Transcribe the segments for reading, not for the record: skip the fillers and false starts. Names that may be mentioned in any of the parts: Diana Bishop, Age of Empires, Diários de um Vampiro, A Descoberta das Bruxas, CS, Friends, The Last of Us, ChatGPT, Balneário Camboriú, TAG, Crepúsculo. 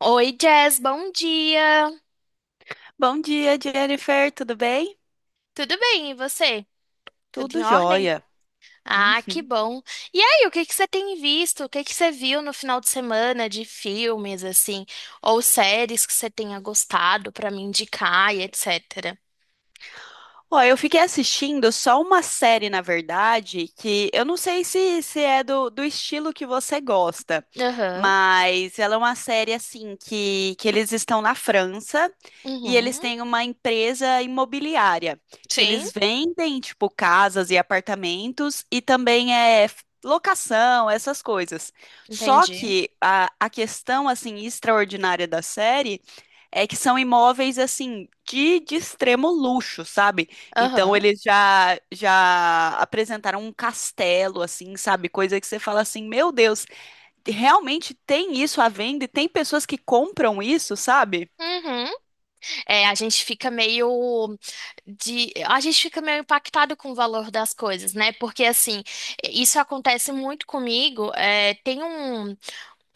Oi, Jess, bom dia. Bom dia, Jennifer, tudo bem? Tudo bem, e você? Tudo em Tudo ordem? jóia. Ah, que Uhum. bom. E aí, o que que você tem visto? O que que você viu no final de semana de filmes, assim, ou séries que você tenha gostado pra me indicar e etc. Ó, eu fiquei assistindo só uma série, na verdade, que eu não sei se é do estilo que você gosta, Aham. mas ela é uma série assim que eles estão na França e Uhum. eles têm uma empresa imobiliária que Sim, eles vendem tipo casas e apartamentos e também é locação, essas coisas. Só entendi. que a questão assim extraordinária da série é que são imóveis assim de extremo luxo, sabe? Então Aham. eles já apresentaram um castelo assim, sabe? Coisa que você fala assim, meu Deus, realmente tem isso à venda e tem pessoas que compram isso, sabe? Uhum. É, a gente fica meio de, a gente fica meio impactado com o valor das coisas, né? Porque assim, isso acontece muito comigo. É, tem um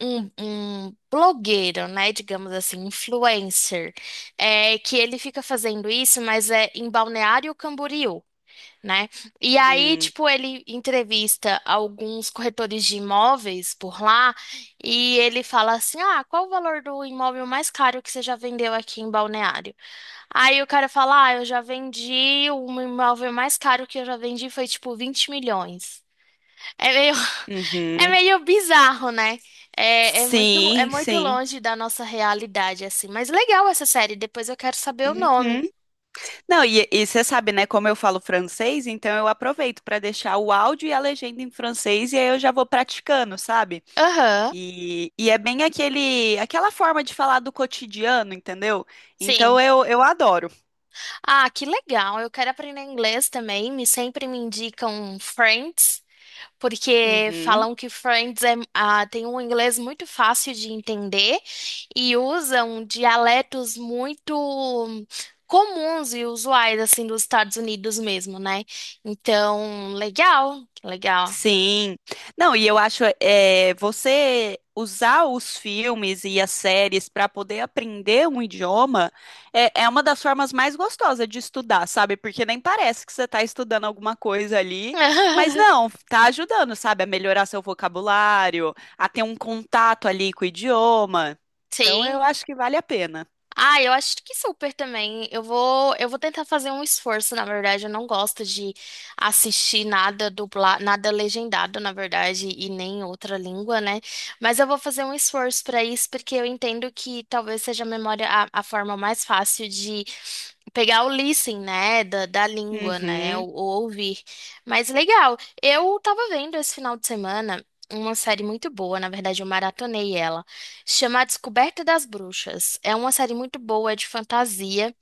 um, um blogueiro, né? Digamos assim, influencer, é, que ele fica fazendo isso, mas é em Balneário Camboriú, né? E aí, Hum, tipo, ele entrevista alguns corretores de imóveis por lá e ele fala assim: Ah, qual o valor do imóvel mais caro que você já vendeu aqui em Balneário? Aí o cara fala: Ah, eu já vendi, o imóvel mais caro que eu já vendi foi tipo 20 milhões. É meio, é uhum. meio bizarro, né? É, é Sim, muito sim. longe da nossa realidade, assim. Mas legal essa série, depois eu quero saber o nome. Uhum. Não, e você sabe, né, como eu falo francês, então eu aproveito para deixar o áudio e a legenda em francês e aí eu já vou praticando, sabe? Aham, E é bem aquela forma de falar do cotidiano, entendeu? Então sim. eu adoro. Ah, que legal. Eu quero aprender inglês também. Me sempre me indicam Friends. Porque Uhum. falam que Friends é, ah, tem um inglês muito fácil de entender e usam dialetos muito comuns e usuais, assim, dos Estados Unidos mesmo, né? Então, legal, legal. Sim. Não, e eu acho é, você usar os filmes e as séries para poder aprender um idioma é uma das formas mais gostosas de estudar, sabe? Porque nem parece que você está estudando alguma coisa ali, mas não, tá ajudando, sabe? A melhorar seu vocabulário, a ter um contato ali com o idioma. Então eu Sim. acho que vale a pena. Ah, eu acho que super também. Eu vou tentar fazer um esforço, na verdade. Eu não gosto de assistir nada dublado, nada legendado, na verdade, e nem em outra língua, né? Mas eu vou fazer um esforço para isso, porque eu entendo que talvez seja a memória a forma mais fácil de pegar o listening, né, da língua, né, Uhum, ou ouvir. Mas legal. Eu tava vendo esse final de semana uma série muito boa, na verdade, eu maratonei ela. Se Chama A Descoberta das Bruxas. É uma série muito boa, é de fantasia.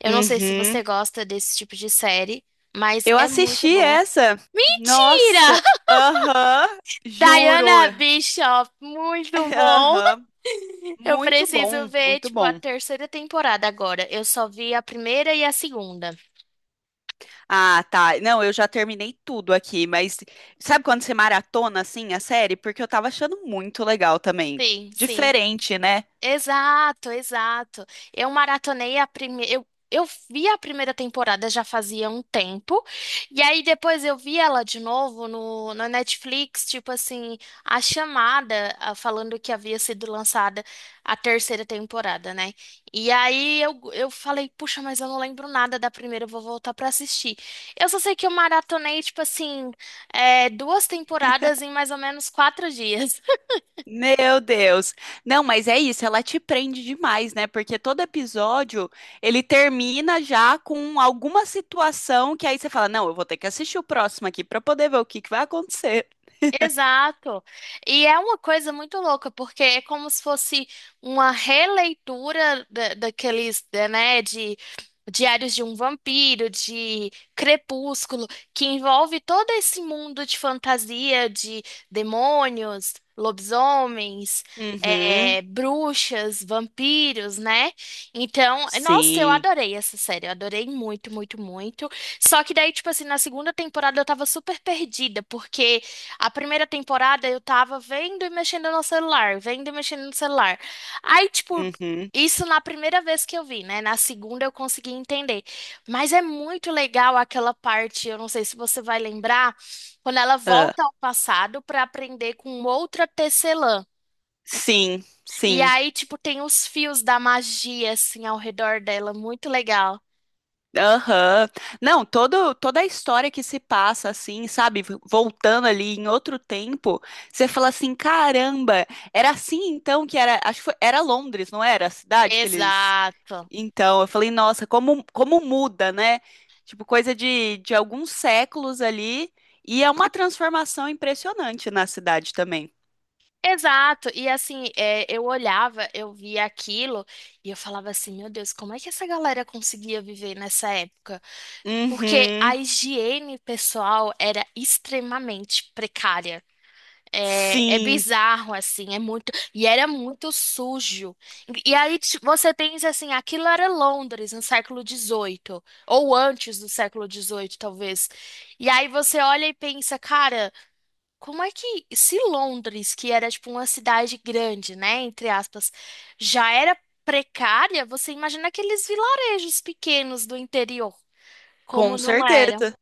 Eu não sei se uhum. você gosta desse tipo de série, mas Eu é muito assisti boa. essa. Mentira! Nossa, aham, juro. Diana Bishop, muito bom! Aham. Eu Muito preciso bom, ver, muito tipo, a bom. terceira temporada agora. Eu só vi a primeira e a segunda. Ah, tá. Não, eu já terminei tudo aqui, mas sabe quando você maratona assim a série? Porque eu tava achando muito legal também. Sim, sim. Diferente, né? Exato, exato. Eu maratonei a primeira. Eu vi a primeira temporada já fazia um tempo. E aí depois eu vi ela de novo no Netflix, tipo assim, a chamada ah, falando que havia sido lançada a terceira temporada, né? E aí eu falei, puxa, mas eu não lembro nada da primeira, eu vou voltar pra assistir. Eu só sei que eu maratonei, tipo assim, é, duas temporadas em mais ou menos 4 dias. Meu Deus. Não, mas é isso, ela te prende demais, né? Porque todo episódio ele termina já com alguma situação que aí você fala: "Não, eu vou ter que assistir o próximo aqui pra poder ver o que que vai acontecer". Exato. E é uma coisa muito louca, porque é como se fosse uma releitura da, daqueles, da- né, de Diários de um Vampiro, de Crepúsculo, que envolve todo esse mundo de fantasia, de demônios, lobisomens, Uhum. é, bruxas, vampiros, né? Então, nossa, eu Sim. adorei essa série, eu adorei muito, muito, muito. Só que daí, tipo assim, na segunda temporada eu tava super perdida, porque a primeira temporada eu tava vendo e mexendo no celular, vendo e mexendo no celular. Aí, tipo, Uhum. isso na primeira vez que eu vi, né? Na segunda eu consegui entender. Mas é muito legal aquela parte, eu não sei se você vai lembrar, quando ela Ah, volta ao passado pra aprender com outra tecelã. sim, E sim. aí, tipo, tem os fios da magia assim ao redor dela, muito legal. Aham. Não, toda a história que se passa, assim, sabe? Voltando ali em outro tempo, você fala assim: caramba, era assim então que era. Acho que foi, era Londres, não era? A cidade que eles. Exato. Então, eu falei: nossa, como, como muda, né? Tipo, coisa de alguns séculos ali. E é uma transformação impressionante na cidade também. Exato, e assim, é, eu olhava, eu via aquilo e eu falava assim, meu Deus, como é que essa galera conseguia viver nessa época? Porque a Uhum. higiene pessoal era extremamente precária. É, é Sim, bizarro, assim, é muito. E era muito sujo. E aí ti- você pensa assim, aquilo era Londres no século 18, ou antes do século 18, talvez. E aí você olha e pensa, cara. Como é que, se Londres, que era tipo uma cidade grande, né, entre aspas, já era precária, você imagina aqueles vilarejos pequenos do interior, com como não eram? certeza.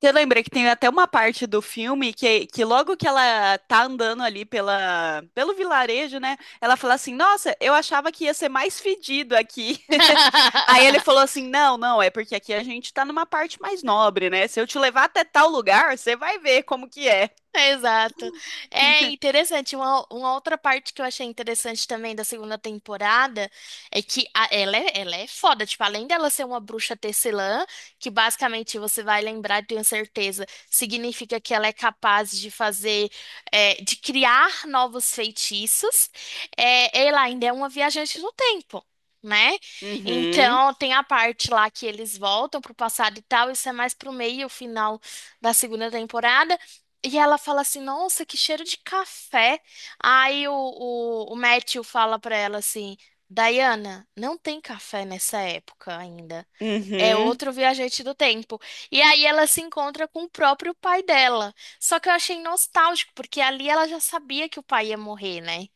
Você lembra que tem até uma parte do filme que logo que ela tá andando ali pela, pelo vilarejo, né? Ela fala assim: Nossa, eu achava que ia ser mais fedido aqui. Aí ele falou assim: Não, não, é porque aqui a gente tá numa parte mais nobre, né? Se eu te levar até tal lugar, você vai ver como que é. É, Exato. É interessante. Uma outra parte que eu achei interessante também da segunda temporada é que a- ela é foda. Tipo, além dela ser uma bruxa tecelã, que basicamente você vai lembrar, tenho certeza, significa que ela é capaz de fazer, é, de criar novos feitiços, é, ela ainda é uma viajante no tempo. Né? Uhum, Então, tem a parte lá que eles voltam pro passado e tal, isso é mais pro meio, final da segunda temporada. E ela fala assim, nossa, que cheiro de café. Aí o Matthew fala pra ela assim, Diana, não tem café nessa época ainda. É uhum. outro viajante do tempo. E aí ela se encontra com o próprio pai dela. Só que eu achei nostálgico, porque ali ela já sabia que o pai ia morrer, né?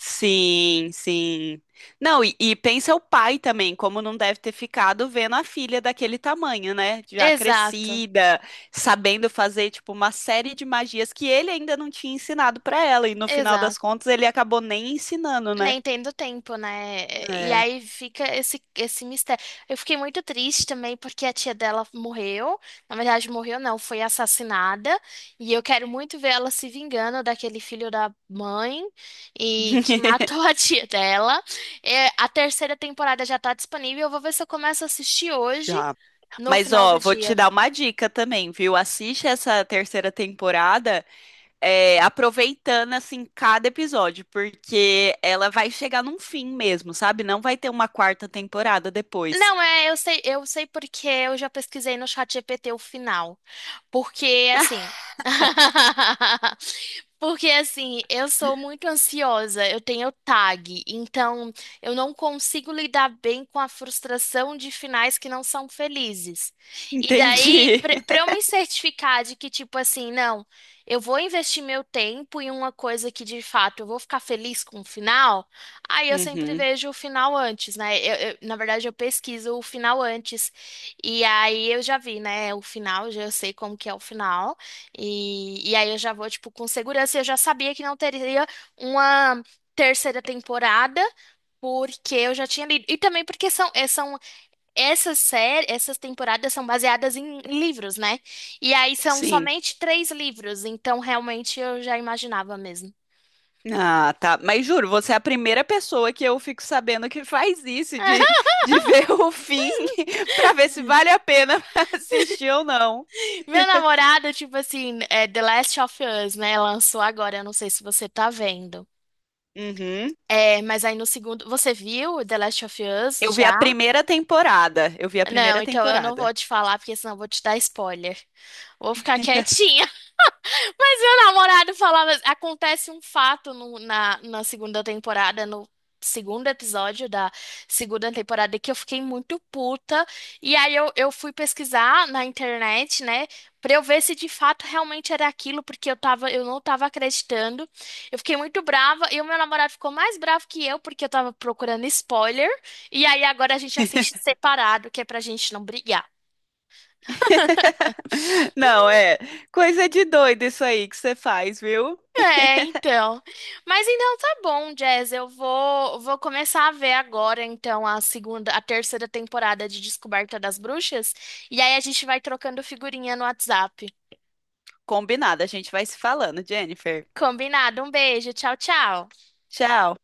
Sim, sim. Não, e pensa o pai também, como não deve ter ficado vendo a filha daquele tamanho, né? Já Exato, crescida, sabendo fazer, tipo, uma série de magias que ele ainda não tinha ensinado pra ela, e no final das exato. contas ele acabou nem ensinando, né? Nem tendo tempo, né? E É. aí fica esse, esse mistério. Eu fiquei muito triste também porque a tia dela morreu. Na verdade, morreu não, foi assassinada. E eu quero muito ver ela se vingando daquele filho da mãe e que matou a tia dela. É, a terceira temporada já tá disponível. Eu vou ver se eu começo a assistir hoje, Já. no Mas, final ó, do vou te dia. dar uma dica também, viu? Assiste essa terceira temporada. É, aproveitando assim cada episódio, porque ela vai chegar num fim mesmo, sabe? Não vai ter uma quarta temporada depois. Não, é, eu sei porque eu já pesquisei no chat ChatGPT o final. Porque Ah, assim. Porque assim, eu sou muito ansiosa, eu tenho TAG, então eu não consigo lidar bem com a frustração de finais que não são felizes. E daí, entendi. para eu me certificar de que, tipo assim, não, eu vou investir meu tempo em uma coisa que de fato eu vou ficar feliz com o final, aí eu sempre Uhum, vejo o final antes, né? Eu- na verdade, eu pesquiso o final antes e aí eu já vi, né, o final, já eu sei como que é o final. E aí eu já vou, tipo, com segurança. Eu já sabia que não teria uma terceira temporada, porque eu já tinha lido. E também porque são, eh, são essas séries, essas temporadas são baseadas em livros, né? E aí são sim. somente 3 livros, então realmente eu já imaginava mesmo. Ah, tá. Mas juro, você é a primeira pessoa que eu fico sabendo que faz isso de ver o fim pra ver se vale a pena assistir ou não. Meu namorado, tipo assim, é The Last of Us, né? Lançou agora, eu não sei se você tá vendo. Uhum. É, mas aí no segundo. Você viu The Last of Us Eu vi a já? primeira temporada. Eu vi a Não, primeira então eu não temporada. vou te falar, porque senão eu vou te dar spoiler. Vou ficar quietinha. Mas meu namorado falava. Acontece um fato no- na, na segunda temporada, no segundo episódio da segunda temporada, que eu fiquei muito puta. E aí eu fui pesquisar na internet, né? Pra eu ver se de fato realmente era aquilo, porque eu tava, eu não tava acreditando. Eu fiquei muito brava e o meu namorado ficou mais bravo que eu, porque eu tava procurando spoiler. E aí agora a gente assiste separado, que é pra gente não brigar. Não, é coisa de doido isso aí que você faz, viu? É, então. Mas então tá bom, Jazz. Eu vou começar a ver agora, então, a segunda, a terceira temporada de Descoberta das Bruxas. E aí a gente vai trocando figurinha no WhatsApp. Combinado, a gente vai se falando, Jennifer. Combinado. Um beijo. Tchau, tchau. Tchau.